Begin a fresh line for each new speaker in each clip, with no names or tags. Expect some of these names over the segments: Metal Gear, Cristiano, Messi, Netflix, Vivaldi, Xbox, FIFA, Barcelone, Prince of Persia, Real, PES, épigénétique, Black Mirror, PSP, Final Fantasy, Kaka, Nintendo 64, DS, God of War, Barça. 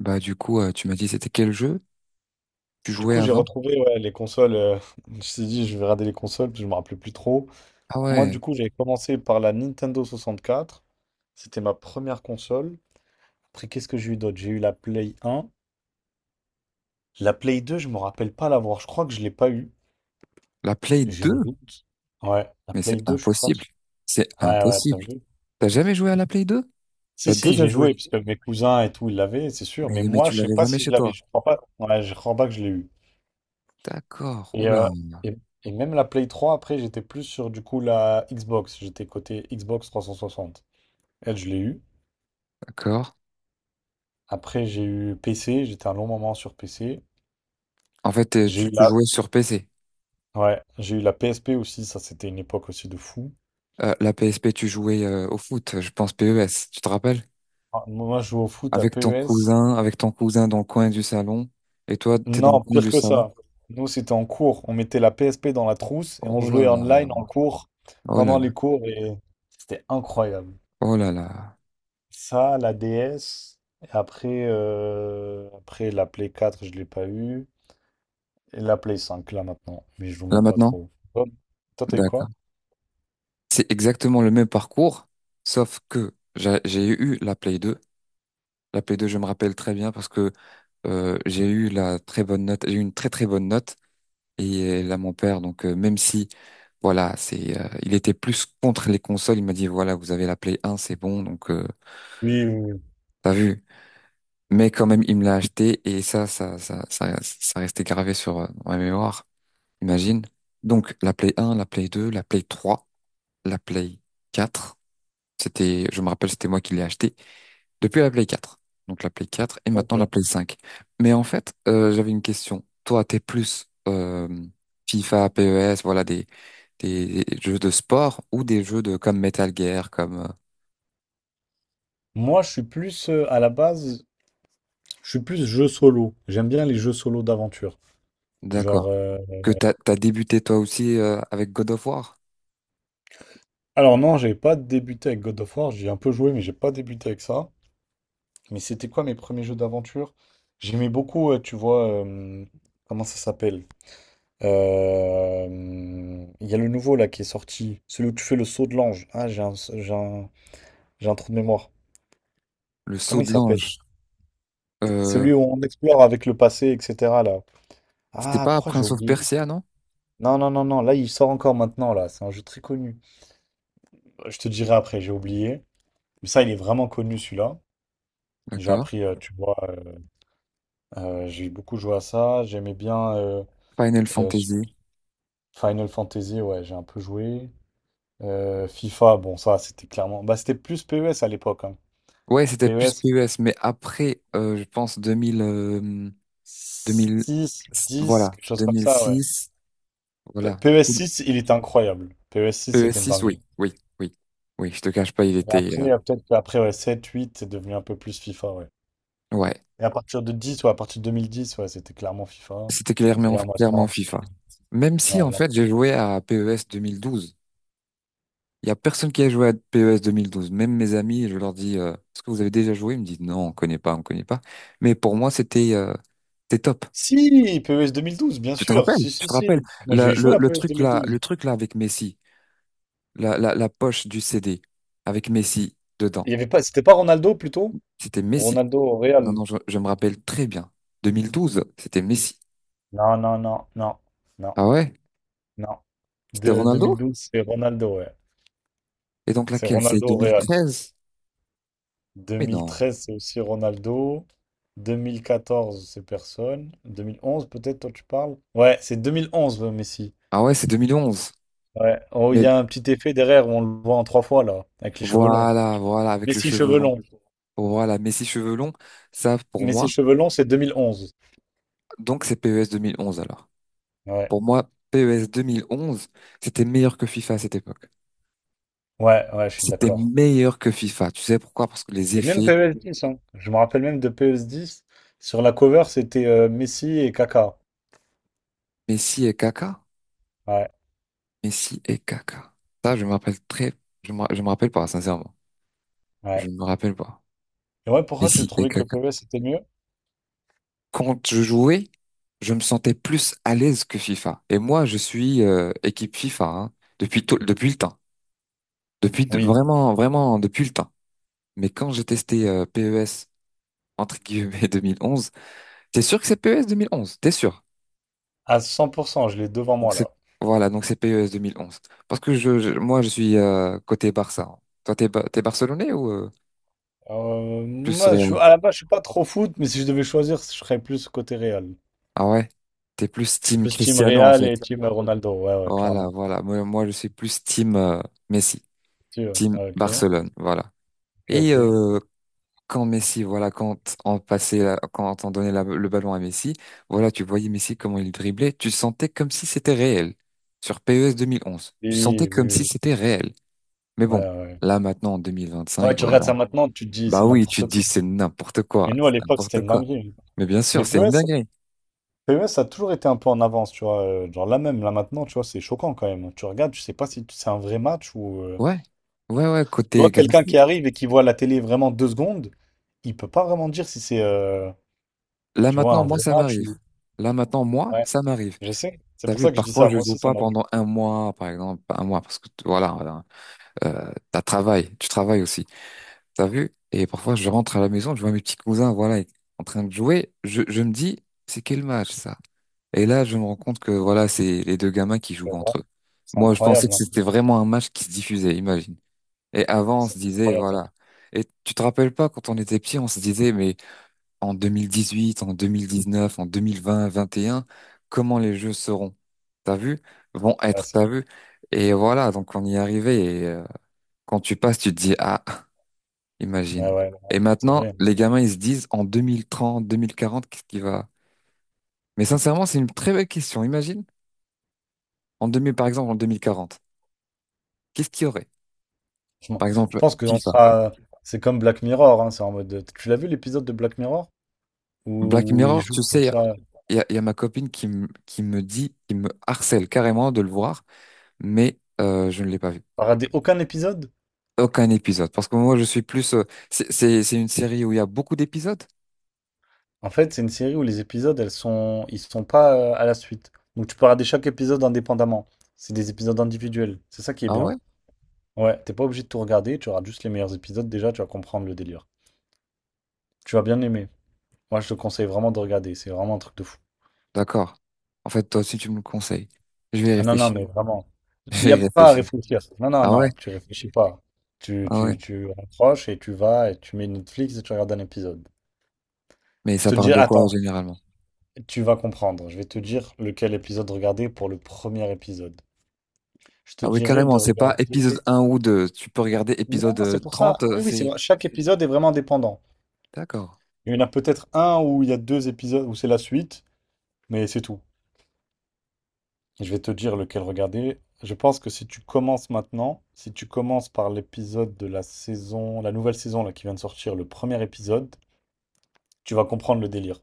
Bah du coup, tu m'as dit c'était quel jeu tu
Du
jouais
coup, j'ai
avant?
retrouvé, ouais, les consoles. Je me suis dit, je vais regarder les consoles, parce que je me rappelais plus trop.
Ah
Moi,
ouais,
du coup, j'avais commencé par la Nintendo 64. C'était ma première console. Après, qu'est-ce que j'ai eu d'autre? J'ai eu la Play 1. La Play 2, je me rappelle pas l'avoir. Je crois que je l'ai pas eu.
la Play
J'ai un
2?
doute. Ouais, la
Mais
Play
c'est
2, je suis pas
impossible.
sûr.
C'est
Ouais, ouais, t'as
impossible.
vu?
T'as jamais joué à la Play 2?
Si,
T'as
si,
déjà
j'ai
joué.
joué, parce que mes cousins et tout, ils l'avaient, c'est sûr.
Mais,
Mais
mais
moi,
tu
je sais
l'avais
pas
jamais
si je
chez
l'avais.
toi.
Je crois pas. Ouais, je crois pas que je l'ai eu.
D'accord.
Et,
Oula.
euh, et, et même la Play 3 après, j'étais plus sur du coup la Xbox. J'étais côté Xbox 360. Elle, je l'ai eu.
D'accord.
Après, j'ai eu PC. J'étais un long moment sur PC.
En fait, t'es-
J'ai
tu,
eu
tu
la,
jouais sur PC.
ouais, j'ai eu la PSP aussi. Ça, c'était une époque aussi de fou.
La PSP, tu jouais au foot, je pense PES, tu te rappelles?
Ah, moi, je jouais au foot à PES.
Avec ton cousin dans le coin du salon. Et toi, t'es dans le
Non,
coin
pire
du
que
salon.
ça. Nous, c'était en cours. On mettait la PSP dans la trousse et on
Oh
jouait
là là.
online en cours
Oh là
pendant
là.
les cours. Et c'était incroyable.
Oh là là.
Ça, la DS. Et après la Play 4, je l'ai pas eu. Et la Play 5, là, maintenant. Mais je joue
Là
même pas
maintenant?
trop. Toi, toi, t'as eu quoi?
C'est exactement le même parcours, sauf que j'ai eu la Play 2. La Play 2, je me rappelle très bien parce que j'ai eu la très bonne note, j'ai eu une très très bonne note. Et là, mon père, donc même si, voilà, il était plus contre les consoles, il m'a dit, voilà, vous avez la Play 1, c'est bon, donc
Oui, oui, oui.
t'as vu. Mais quand même, il me l'a acheté et ça restait gravé sur dans ma mémoire, imagine. Donc la Play 1, la Play 2, la Play 3, la Play 4. C'était, je me rappelle, c'était moi qui l'ai acheté. Depuis la Play 4. Donc la Play 4 et
Ok.
maintenant la Play 5. Mais en fait, j'avais une question. Toi, t'es plus FIFA, PES, voilà, des jeux de sport ou des jeux de comme Metal Gear, comme...
Moi, je suis plus, à la base, je suis plus jeu solo. J'aime bien les jeux solo d'aventure. Genre,
D'accord. Que t'as débuté toi aussi avec God of War,
alors non, j'avais pas débuté avec God of War. J'ai un peu joué, mais j'ai pas débuté avec ça. Mais c'était quoi mes premiers jeux d'aventure? J'aimais beaucoup, tu vois, comment ça s'appelle? Euh, Il y a le nouveau là qui est sorti, celui où tu fais le saut de l'ange. Ah, j'ai un trou de mémoire.
le
Comment
Saut
il
de
s'appelle?
l'ange. Euh,
Celui où on explore avec le passé, etc. là.
c'était
Ah,
pas
pourquoi j'ai
Prince of
oublié?
Persia, non?
Non, non, non, non, là il sort encore maintenant là. C'est un jeu très connu. Je te dirai après, j'ai oublié. Mais ça, il est vraiment connu celui-là. J'ai
D'accord.
appris, tu vois, j'ai beaucoup joué à ça. J'aimais bien
Final
euh,
Fantasy.
Final Fantasy, ouais, j'ai un peu joué. FIFA, bon, ça, c'était clairement. Bah, c'était plus PES à l'époque, hein.
Ouais, c'était plus
PES
PES, mais après, je pense 2000, 2000,
six 10
voilà,
quelque chose comme ça, ouais.
2006, voilà.
PES 6, il était incroyable. PES 6,
es
c'était une
six oui,
dinguerie.
oui, oui, oui, je te cache pas, il
Et
était,
après, peut-être qu'après, ouais, 7 8 c'est devenu un peu plus FIFA, ouais.
ouais,
Et à partir de 10 ou à partir de 2010, ouais, c'était clairement FIFA.
c'était
Et
clairement,
là,
clairement
maintenant, c'est
FIFA.
fini.
Même si,
Ouais,
en fait, j'ai joué à PES 12. Il y a personne qui a joué à PES 12. Même mes amis, je leur dis, est-ce que vous avez déjà joué? Ils me disent, non, on connaît pas, on connaît pas. Mais pour moi, c'était top.
si, PES 2012, bien
Tu te
sûr.
rappelles?
Si,
Tu
si,
te rappelles?
si. Moi,
Le,
j'ai joué
le,
à
le
PES deux
truc
mille
là, le
douze
truc là avec Messi, la poche du CD avec Messi dedans.
Il y avait pas, c'était pas Ronaldo, plutôt?
C'était Messi.
Ronaldo au
Non,
Real.
non, je me rappelle très bien. 2012, c'était Messi.
Non, non, non, non, non,
Ah ouais?
non.
C'était
De deux mille
Ronaldo?
douze c'est Ronaldo, ouais.
Et donc
C'est
laquelle? C'est
Ronaldo au Real.
2013? Mais non.
2013, c'est aussi Ronaldo. 2014, c'est personne. 2011, peut-être, toi, tu parles? Ouais, c'est 2011, Messi.
Ah ouais, c'est 2011.
Ouais. Oh, il
Mais
y a un petit effet derrière où on le voit en trois fois, là, avec les cheveux longs.
voilà, voilà, avec le
Messi
cheveu
cheveux
long.
longs.
Voilà, Messi cheveux longs, ça pour
Messi
moi.
cheveux longs, c'est 2011.
Donc c'est PES 2011 alors.
Ouais.
Pour moi, PES 2011, c'était meilleur que FIFA à cette époque.
Ouais, ouais, je suis
C'était
d'accord.
meilleur que FIFA. Tu sais pourquoi? Parce que les
Et même
effets
PES 10, hein. Je me rappelle même de PES 10. Sur la cover, c'était, Messi et Kaka.
Messi et Kaka.
Ouais,
Messi et Kaka. Ça, je me rappelle pas, sincèrement. Je
ouais.
ne me rappelle pas.
Et ouais, pourquoi tu
Messi et
trouvais que
Kaka.
PES était mieux?
Quand je jouais, je me sentais plus à l'aise que FIFA. Et moi, je suis équipe FIFA, hein, depuis le temps,
Oui,
vraiment vraiment depuis le temps. Mais quand j'ai testé PES entre guillemets 2011, t'es sûr que c'est PES 11? T'es sûr?
à 100%, je l'ai devant
Donc
moi,
c'est
là.
voilà, donc c'est PES 11. Parce que moi je suis côté Barça, hein. Toi t'es t'es Barcelonais ou plus
Moi,
Real?
je, à la base, je suis pas trop foot, mais si je devais choisir, je serais plus côté Real.
Ah ouais, t'es plus
Je suis
team
plus team
Cristiano en
Real
fait.
et team Ronaldo. Ouais, ouais,
Voilà
clairement.
voilà. Moi je suis plus team Messi,
Si, ouais.
team
Ouais, ok,
Barcelone. Voilà.
ok,
Et
ok.
quand Messi, voilà, quand on passait, quand on donnait le ballon à Messi, voilà, tu voyais Messi comment il driblait, tu sentais comme si c'était réel. Sur PES 2011, tu sentais
Oui,
comme
oui,
si
oui.
c'était réel. Mais
Ouais,
bon,
ouais.
là maintenant en
Ouais,
2025,
tu regardes
voilà.
ça maintenant, tu te dis c'est
Bah oui, tu te
n'importe
dis
quoi.
c'est n'importe quoi,
Mais nous, à
c'est
l'époque, c'était
n'importe
une
quoi.
dinguerie.
Mais bien sûr,
Mais
c'est une
PES,
dinguerie.
PES a toujours été un peu en avance, tu vois. Genre là même, là maintenant, tu vois, c'est choquant quand même. Tu regardes, tu sais pas si c'est un vrai match ou.
Ouais, ouais, ouais.
Tu
Côté
vois, quelqu'un
graph-
qui arrive et qui voit la télé vraiment 2 secondes, il peut pas vraiment dire si c'est,
là
tu vois,
maintenant,
un
moi
vrai
ça
match
m'arrive.
ou.
Là maintenant, moi
Ouais.
ça m'arrive.
Je sais, c'est
T'as
pour
vu,
ça que je dis
parfois
ça.
je
Moi
joue
aussi, ça
pas
m'arrive.
pendant un mois, par exemple, pas un mois parce que voilà. Voilà. Tu travailles aussi. T'as vu? Et parfois, je rentre à la maison, je vois mes petits cousins, voilà, en train de jouer. Je me dis, c'est quel match ça? Et là, je me rends compte que voilà, c'est les deux gamins qui jouent
C'est vrai.
entre eux.
C'est
Moi, je pensais
incroyable,
que
hein.
c'était vraiment un match qui se diffusait, imagine. Et avant, on se
C'est
disait,
incroyable, hein.
voilà. Et tu te rappelles pas, quand on était petit, on se disait, mais en 2018, en 2019, en 2020, 21, comment les jeux seront? T'as vu? Vont
Ouais,
être,
c'est
t'as vu? Et voilà, donc on y est arrivé. Et, quand tu passes, tu te dis, ah.
ouais,
Imagine.
ouais, ouais,
Et
c'est vrai,
maintenant, les
hein.
gamins, ils se disent en 2030, 2040, qu'est-ce qui va... Mais sincèrement, c'est une très belle question. Imagine, en 2000, par exemple, en 2040, qu'est-ce qu'il y aurait?
Franchement,
Par
je
exemple,
pense qu'on
FIFA.
sera. C'est comme Black Mirror, hein. C'est en mode. Tu l'as vu l'épisode de Black Mirror?
Black
Où ils
Mirror,
jouent
tu
comme
sais,
ça.
il y a ma copine qui, qui me dit, qui me harcèle carrément de le voir, mais je ne l'ai pas vu.
T'as raté aucun épisode?
Aucun épisode. Parce que moi, je suis plus... C'est une série où il y a beaucoup d'épisodes?
En fait, c'est une série où les épisodes, ils sont pas à la suite. Donc tu peux regarder chaque épisode indépendamment. C'est des épisodes individuels. C'est ça qui est
Ah
bien.
ouais?
Ouais, t'es pas obligé de tout regarder. Tu regardes juste les meilleurs épisodes. Déjà, tu vas comprendre le délire. Tu vas bien aimer. Moi, je te conseille vraiment de regarder. C'est vraiment un truc de fou.
D'accord. En fait, toi aussi, tu me le conseilles. Je vais y
Ah non, non,
réfléchir.
mais vraiment, il
Je
n'y
vais
a
y
pas à
réfléchir.
réfléchir. Non, non,
Ah ouais?
non, tu réfléchis pas. Tu,
Ah ouais.
tu, tu approches et tu vas et tu mets Netflix et tu regardes un épisode.
Mais
Je
ça
te
parle
dis,
de quoi
attends,
généralement?
tu vas comprendre. Je vais te dire lequel épisode regarder pour le premier épisode. Je te
Ah oui,
dirais de
carrément, c'est pas épisode
regarder.
un ou 2. Tu peux regarder épisode
Non, c'est pour ça.
30,
Oui, oui, c'est
c'est...
vrai. Chaque épisode est vraiment dépendant.
D'accord,
Il y en a peut-être un où il y a deux épisodes où c'est la suite, mais c'est tout. Je vais te dire lequel regarder. Je pense que si tu commences maintenant, si tu commences par l'épisode de la saison, la nouvelle saison là, qui vient de sortir, le premier épisode, tu vas comprendre le délire.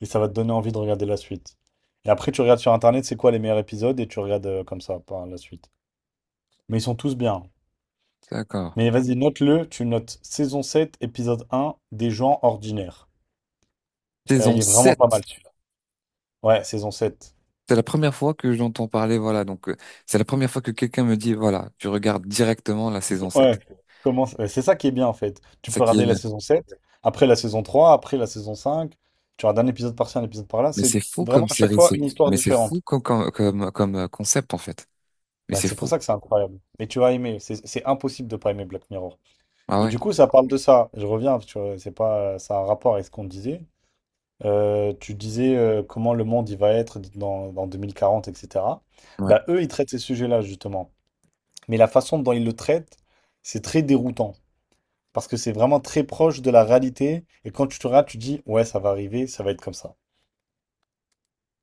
Et ça va te donner envie de regarder la suite. Et après, tu regardes sur Internet, c'est quoi les meilleurs épisodes, et tu regardes comme ça par la suite. Mais ils sont tous bien.
d'accord.
Mais vas-y, note-le, tu notes saison 7 épisode un des gens ordinaires.
Saison
Il est vraiment pas
sept.
mal celui-là. Ouais, saison 7.
C'est la première fois que j'entends parler, voilà. Donc, c'est la première fois que quelqu'un me dit, voilà, tu regardes directement la saison 7.
Ouais, ouais, c'est ça qui est bien en fait. Tu
C'est ça
peux
qui est
regarder la
bien.
saison 7, après la saison 3, après la saison 5. Tu regardes un épisode par-ci, un épisode par-là.
Mais
C'est
c'est fou
vraiment
comme
à chaque
série,
fois
c'est...
une histoire
Mais c'est fou
différente.
comme, concept, en fait. Mais
Bah,
c'est
c'est pour
fou.
ça que c'est incroyable. Mais tu vas aimer. C'est impossible de pas aimer Black Mirror.
Ah
Et
ouais,
du coup, ça parle de ça. Je reviens, tu vois, c'est pas, ça a un rapport avec ce qu'on disait. Tu disais comment le monde il va être dans 2040, etc.
ouais,
Bah, eux, ils traitent ces sujets-là justement. Mais la façon dont ils le traitent, c'est très déroutant, parce que c'est vraiment très proche de la réalité. Et quand tu te rates, tu te dis, ouais, ça va arriver, ça va être comme ça.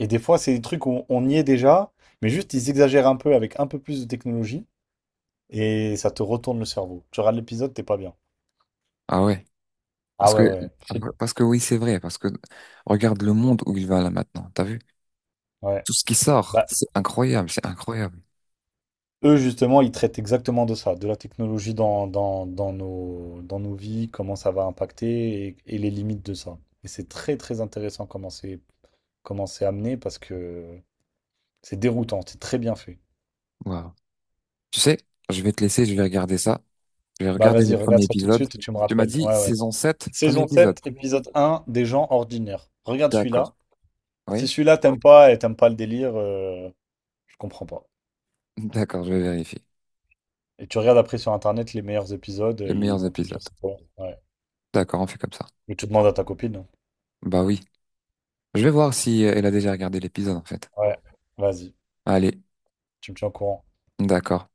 Et des fois, c'est des trucs où on y est déjà, mais juste ils exagèrent un peu avec un peu plus de technologie et ça te retourne le cerveau. Tu regardes l'épisode, t'es pas bien.
ah ouais.
Ah
Parce
ouais,
que,
ouais,
parce que oui, c'est vrai. Parce que regarde le monde où il va là maintenant. T'as vu?
ouais.
Tout ce qui sort,
Bah,
c'est incroyable, c'est incroyable.
eux, justement, ils traitent exactement de ça, de la technologie dans nos vies, comment ça va impacter et les limites de ça. Et c'est très, très intéressant comment c'est amené parce que c'est déroutant, c'est très bien fait.
Waouh. Tu sais, je vais te laisser, je vais regarder ça. Je vais
Bah
regarder
vas-y,
le
regarde
premier
ça tout de
épisode.
suite et tu me
Tu m'as
rappelles.
dit
Ouais, ouais.
saison 7, premier
Saison
épisode.
7 épisode un des gens ordinaires. Regarde celui-là.
D'accord.
Si
Oui?
celui-là t'aimes pas et t'aimes pas le délire, je comprends pas.
D'accord, je vais vérifier.
Et tu regardes après sur internet les meilleurs épisodes,
Les
ils
meilleurs
vont te
épisodes.
dire c'est quoi. Ouais.
D'accord, on fait comme ça.
Et tu demandes à ta copine, hein.
Bah oui. Je vais voir si elle a déjà regardé l'épisode, en fait.
Ouais, vas-y,
Allez,
tu me tiens au courant.
d'accord.